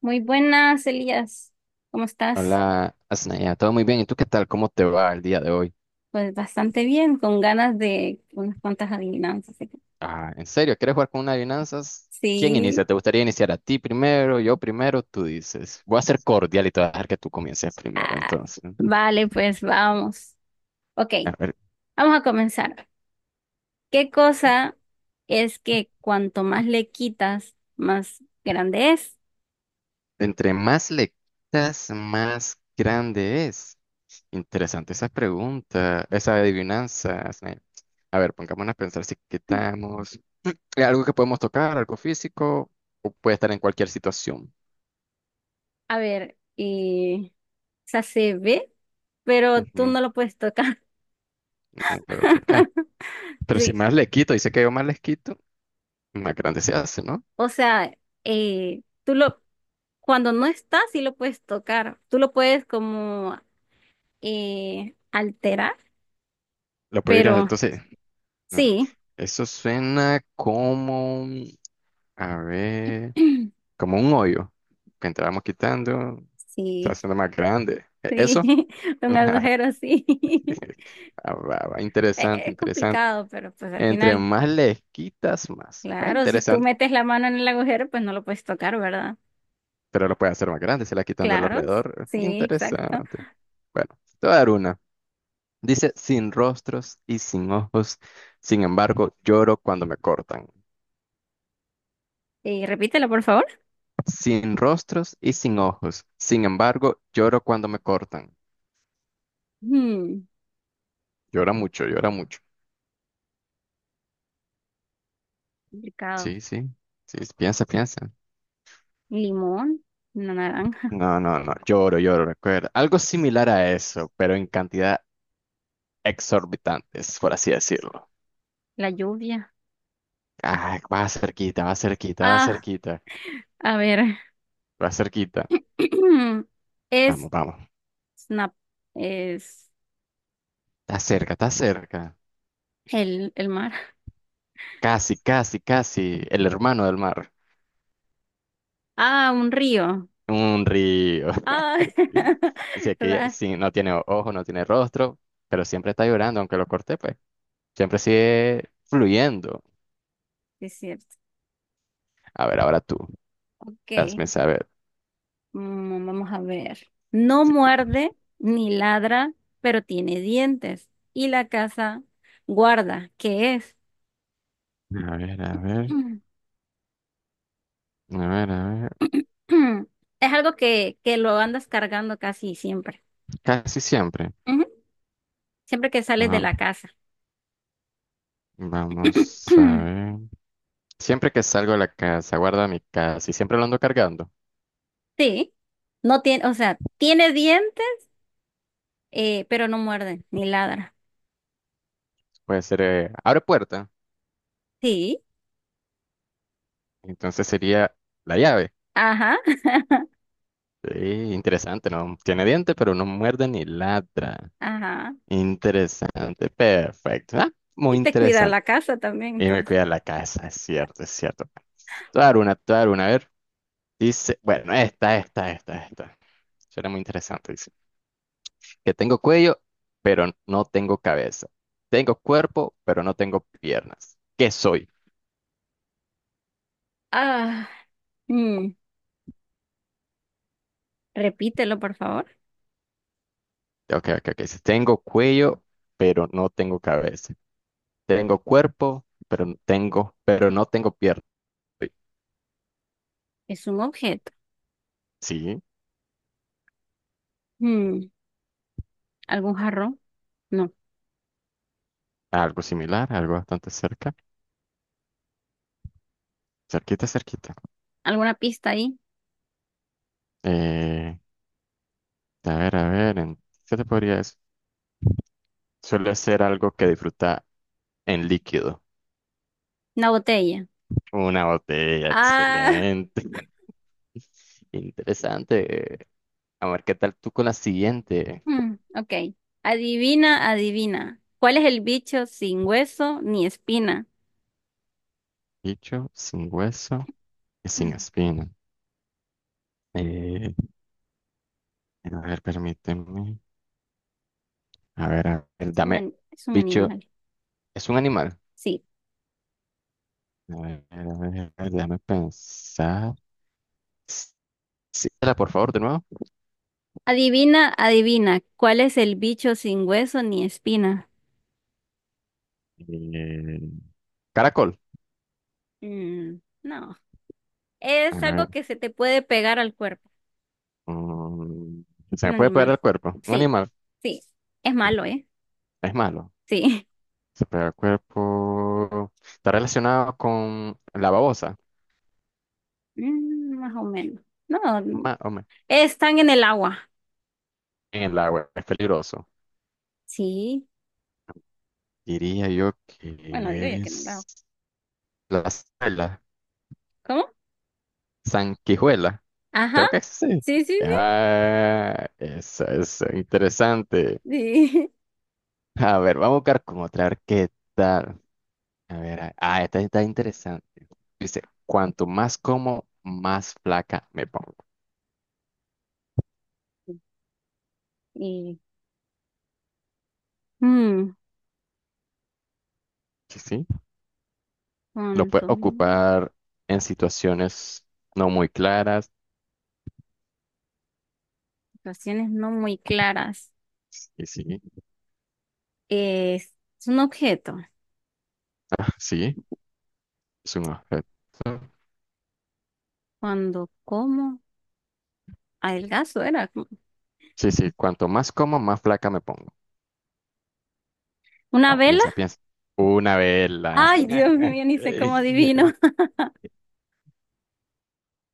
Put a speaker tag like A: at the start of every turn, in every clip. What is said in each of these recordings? A: Muy buenas, Elías. ¿Cómo estás?
B: Hola, Asnaya, todo muy bien. ¿Y tú qué tal? ¿Cómo te va el día de hoy?
A: Pues bastante bien, con ganas de unas cuantas adivinanzas.
B: Ah, ¿en serio? ¿Quieres jugar con una adivinanzas? ¿Quién inicia?
A: Sí.
B: ¿Te gustaría iniciar a ti primero, yo primero? Tú dices. Voy a ser cordial y te voy a dejar que tú comiences primero,
A: Ah,
B: entonces.
A: vale, pues vamos. Ok,
B: A ver,
A: vamos a comenzar. ¿Qué cosa es que cuanto más le quitas, más grande es?
B: entre más le quitas, más grande es. Interesante esa pregunta, esa adivinanza, Asnaya. A ver, pongámonos a pensar si quitamos. ¿Es algo que podemos tocar, algo físico, o puede estar en cualquier situación?
A: A ver, o sea, se ve, pero tú
B: Ujú,
A: no lo puedes tocar.
B: ujú, pero otro acá. Pero si
A: Sí,
B: más le quito, dice que yo más les quito, más grande se hace, ¿no?
A: o sea, tú lo, cuando no estás, sí lo puedes tocar. Tú lo puedes como alterar,
B: Lo puedo ir a,
A: pero
B: entonces, no,
A: sí,
B: eso suena como, a ver, como un hoyo que entramos quitando, se va
A: sí,
B: haciendo más grande. ¿E-
A: sí,
B: ¿Eso?
A: un agujero sí.
B: Ah, va, va,
A: E-
B: interesante,
A: Es
B: interesante.
A: complicado, pero pues al
B: Entre
A: final,
B: más le quitas, más. Bueno,
A: claro, si tú
B: interesante,
A: metes la mano en el agujero, pues no lo puedes tocar, ¿verdad?
B: pero lo puede hacer más grande, se la quitando el
A: Claro,
B: alrededor.
A: sí, exacto.
B: Interesante. Bueno, te voy a dar una. Dice, sin rostros y sin ojos, sin embargo, lloro cuando me cortan.
A: Repítelo, por favor.
B: Sin rostros y sin ojos, sin embargo, lloro cuando me cortan.
A: Hmm,
B: Llora mucho, llora mucho.
A: complicado.
B: Sí, sí, sí, sí, piensa, piensa.
A: Limón, una naranja,
B: No, no, no, lloro, lloro, recuerda. Algo similar a eso, pero en cantidad exorbitantes, por así decirlo.
A: la lluvia.
B: Ah, va cerquita, va cerquita, va
A: Ah,
B: cerquita,
A: a ver.
B: va cerquita.
A: Es
B: Vamos, vamos.
A: snap, es
B: Está cerca, está cerca.
A: el mar.
B: Casi, casi, casi, el hermano del mar.
A: Ah, un río.
B: Un río.
A: Ah,
B: Si aquí
A: ra-
B: sí, no tiene ojo, no tiene rostro, pero siempre está llorando, aunque lo corté, pues. Siempre sigue fluyendo.
A: sí es cierto.
B: A ver, ahora tú.
A: Ok,
B: Hazme saber.
A: mm, vamos a ver. No
B: Sí.
A: muerde ni ladra, pero tiene dientes. Y la casa guarda, ¿qué es?
B: A ver, a ver. A ver, a ver.
A: Es algo que lo andas cargando casi siempre.
B: Casi siempre.
A: Ujú. Siempre que sales de
B: Ah,
A: la casa.
B: vamos a ver. Siempre que salgo de la casa, guardo mi casa y siempre lo ando cargando.
A: Sí, no tiene, o sea, tiene dientes, pero no muerde ni ladra.
B: Puede ser, abre puerta.
A: Sí,
B: Entonces sería la llave.
A: ajá,
B: Sí, interesante, ¿no? Tiene dientes, pero no muerde ni ladra.
A: ajá.
B: Interesante, perfecto. Ah, muy
A: Y te cuida
B: interesante.
A: la casa también,
B: Y me
A: entonces.
B: cuida la casa, es cierto, es cierto. Te voy a dar una, te voy a dar una, a ver. Dice, bueno, esta. Suena muy interesante, dice. Que tengo cuello, pero no tengo cabeza. Tengo cuerpo, pero no tengo piernas. ¿Qué soy?
A: Ah. Mm, repítelo, por favor.
B: Ok, ok, ok. Dice, tengo cuello, pero no tengo cabeza. Tengo cuerpo, pero no tengo piernas.
A: Es un objeto.
B: Sí,
A: Mm, ¿algún jarrón? No.
B: algo similar, algo bastante cerca. Cerquita, cerquita.
A: ¿Alguna pista ahí?
B: Eh, a ver, ¿qué te podría decir? Suele ser algo que disfruta en líquido.
A: Una botella.
B: Una botella,
A: Ah,
B: excelente. Interesante. A ver, ¿qué tal tú con la siguiente?
A: mm, ok. Adivina, adivina. ¿Cuál es el bicho sin hueso ni espina?
B: Bicho sin hueso y sin
A: Mm,
B: espina. Eh, a ver, permíteme. A ver,
A: es un,
B: dame.
A: ani- es un
B: Bicho,
A: animal.
B: ¿es un animal?
A: Sí.
B: A ver, a ver, a ver, déjame pensar. Sí, por favor, de nuevo.
A: Adivina, adivina. ¿Cuál es el bicho sin hueso ni espina?
B: Eh, caracol.
A: Mm, no. Es algo que se te puede pegar al cuerpo.
B: Mm, se
A: Un
B: me puede pegar
A: animal.
B: al cuerpo. Un
A: Sí,
B: animal.
A: sí. Es
B: Mm,
A: malo, ¿eh?
B: es malo.
A: Sí.
B: Se pega al cuerpo. Está relacionado con la babosa.
A: Mm, más o menos. No,
B: más o me-
A: están en el agua.
B: En el agua. Es peligroso.
A: Sí.
B: Diría yo
A: Bueno, digo ya
B: que
A: que en el
B: es
A: agua.
B: la sanguijuela.
A: ¿Cómo?
B: Sanguijuela.
A: Ajá.
B: Creo que sí.
A: Sí, sí,
B: Ah, eso es interesante.
A: sí. Sí.
B: A ver, vamos a buscar como otra. A ver qué tal. Ah, esta está interesante. Dice, cuanto más como, más flaca me pongo.
A: Y, mm,
B: Sí, sí, lo puedes
A: punto.
B: ocupar en situaciones no muy claras.
A: Situaciones no muy claras.
B: Y sí,
A: Es, es un objeto.
B: sí, es un objeto.
A: Cuando como adelgazo era como-
B: Sí, sí, cuanto más como, más flaca me pongo.
A: una
B: Vamos,
A: vela.
B: piensa, piensa. Una vela.
A: Ay, Dios mío, ni sé cómo adivino.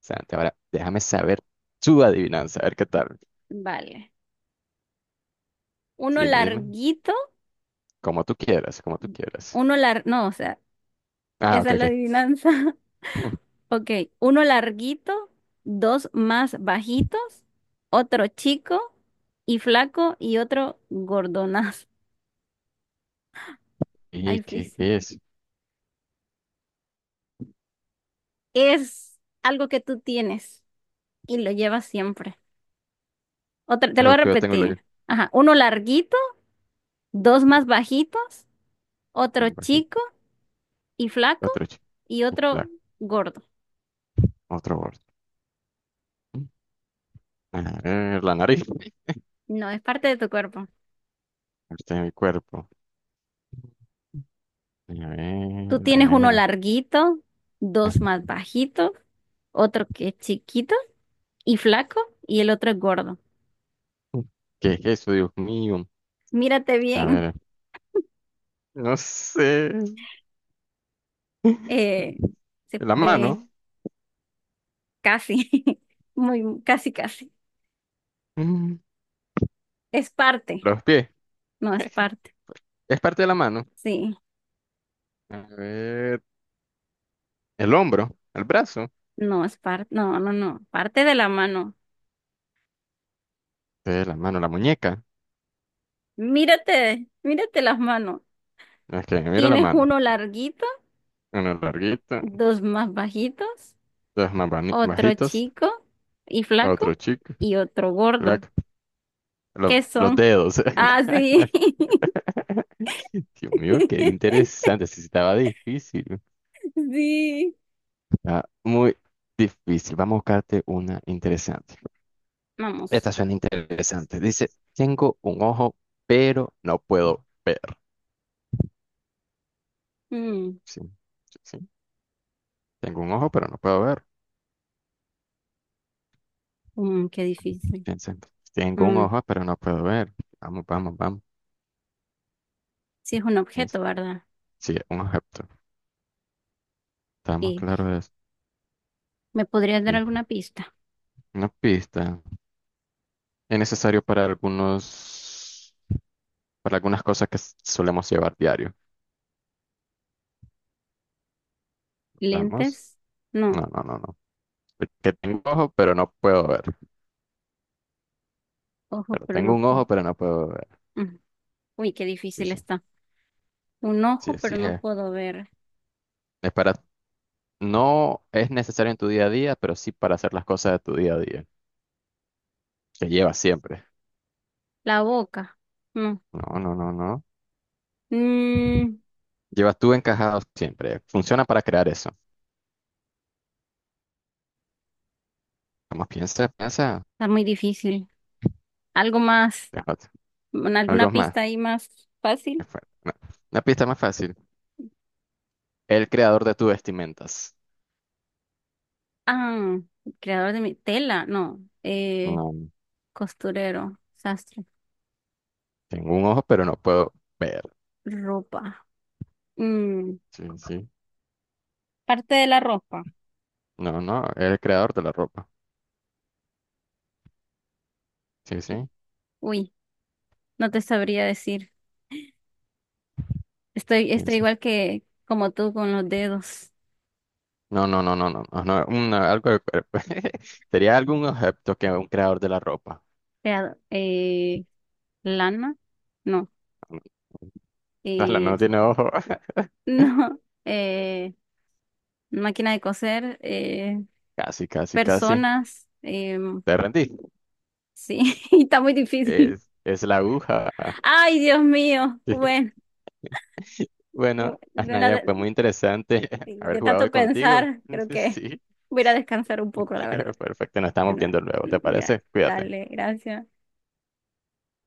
B: Santi, ahora déjame saber tu adivinanza, a ver qué tal.
A: Vale. Uno
B: Dime, dime.
A: larguito,
B: Como tú quieras, como tú quieras.
A: uno lar, no, o sea,
B: Ah,
A: esa
B: ok,
A: es
B: ok.
A: la adivinanza. Ok, uno larguito, dos más bajitos, otro chico y flaco y otro gordonazo. Está
B: ¿Y qué
A: difícil.
B: es?
A: Es algo que tú tienes y lo llevas siempre. Otra, te lo voy a
B: Algo que yo tengo y lo yo.
A: repetir. Ajá, uno larguito, dos más bajitos, otro
B: Un
A: chico
B: bajito,
A: y flaco
B: Otro, chi-
A: y otro
B: bla-
A: gordo.
B: otro borde. A ver, la nariz.
A: No, es parte de tu cuerpo.
B: Este es mi cuerpo. A ver,
A: Tú tienes
B: a
A: uno
B: ver.
A: larguito, dos más bajitos, otro que es chiquito y flaco y el otro es gordo.
B: ¿Qué es eso, Dios mío?
A: Mírate
B: A
A: bien.
B: ver, no sé.
A: Eh, se-
B: La mano.
A: casi, muy, casi, casi.
B: Mm,
A: Es parte,
B: los pies.
A: no es parte.
B: Es parte de la mano.
A: Sí,
B: A ver, el hombro, el brazo.
A: no es parte, no, no, no. Parte de la mano.
B: La mano, la muñeca.
A: Mírate, mírate las manos.
B: No, es que miro la
A: Tienes
B: mano.
A: uno larguito,
B: Una larguita,
A: dos más bajitos,
B: dos
A: otro
B: bajitas.
A: chico y flaco
B: Otro chico.
A: y otro gordo.
B: black,
A: ¿Qué
B: los
A: son?
B: dedos.
A: Ah, sí.
B: Dios mío, qué interesante. Sí, sí, estaba difícil.
A: Sí.
B: Está muy difícil. Vamos a buscarte una interesante.
A: Vamos.
B: Esta suena interesante. Dice, tengo un ojo, pero no puedo ver.
A: Mm,
B: Sí, sí, sí. Tengo un ojo, pero no puedo ver.
A: mm, qué difícil.
B: Piensa, tengo un
A: Mm,
B: ojo, pero no puedo ver. Vamos, vamos, vamos.
A: sí, es un
B: Piensa.
A: objeto, ¿verdad?
B: Sí, un objeto. Estamos
A: ¿Y
B: claros de eso.
A: me podrías dar
B: Sí.
A: alguna pista?
B: Una pista. Es necesario para algunos, para algunas cosas que solemos llevar diario. Vamos.
A: ¿Lentes? No,
B: No, no, no, no. Que tengo ojo, pero no puedo ver.
A: ojo,
B: Pero
A: pero no
B: tengo un
A: puedo.
B: ojo, pero no puedo ver.
A: Mm. Uy, qué
B: Sí,
A: difícil
B: sí.
A: está. Un
B: Sí,
A: ojo,
B: sí,
A: pero no
B: es.
A: puedo ver.
B: Es para, no es necesario en tu día a día, pero sí para hacer las cosas de tu día a día, que llevas siempre.
A: La boca. No.
B: No, no, no, no.
A: Mm,
B: Llevas tú encajado siempre. Funciona para crear eso. Vamos, piensa, piensa.
A: está muy difícil. ¿Algo más?
B: Déjate. Algo
A: ¿Alguna
B: más.
A: pista ahí más fácil?
B: No. Una pista más fácil. El creador de tus vestimentas.
A: Ah, creador de mi tela. No.
B: No,
A: Costurero, sastre,
B: tengo un ojo, pero no puedo ver.
A: ropa. Mm,
B: Sí, sí.
A: parte de la ropa.
B: No, no, el creador de la ropa. Sí,
A: ¿Qué?
B: sí.
A: Uy, no te sabría decir. Estoy,
B: Sí,
A: estoy
B: sí.
A: igual que como tú con los dedos.
B: No, no, no, no, no, no, no, algo del cuerpo. Sería algún objeto que un creador de la ropa.
A: Creador. Lana. No.
B: No, no
A: Eh,
B: no tiene ojo.
A: no. Máquina de coser.
B: Casi, casi, casi.
A: Personas. em,
B: Te rendí.
A: sí, está muy difícil.
B: Es la aguja.
A: Ay, Dios mío.
B: Sí.
A: Bueno,
B: Bueno,
A: de, una-
B: Anaya, fue muy interesante haber
A: de
B: jugado
A: tanto
B: hoy contigo.
A: pensar, creo que
B: Sí,
A: voy a ir a descansar un poco, la verdad.
B: perfecto. Nos estamos
A: No,
B: viendo luego, ¿te
A: ya,
B: parece? Cuídate.
A: dale, gracias.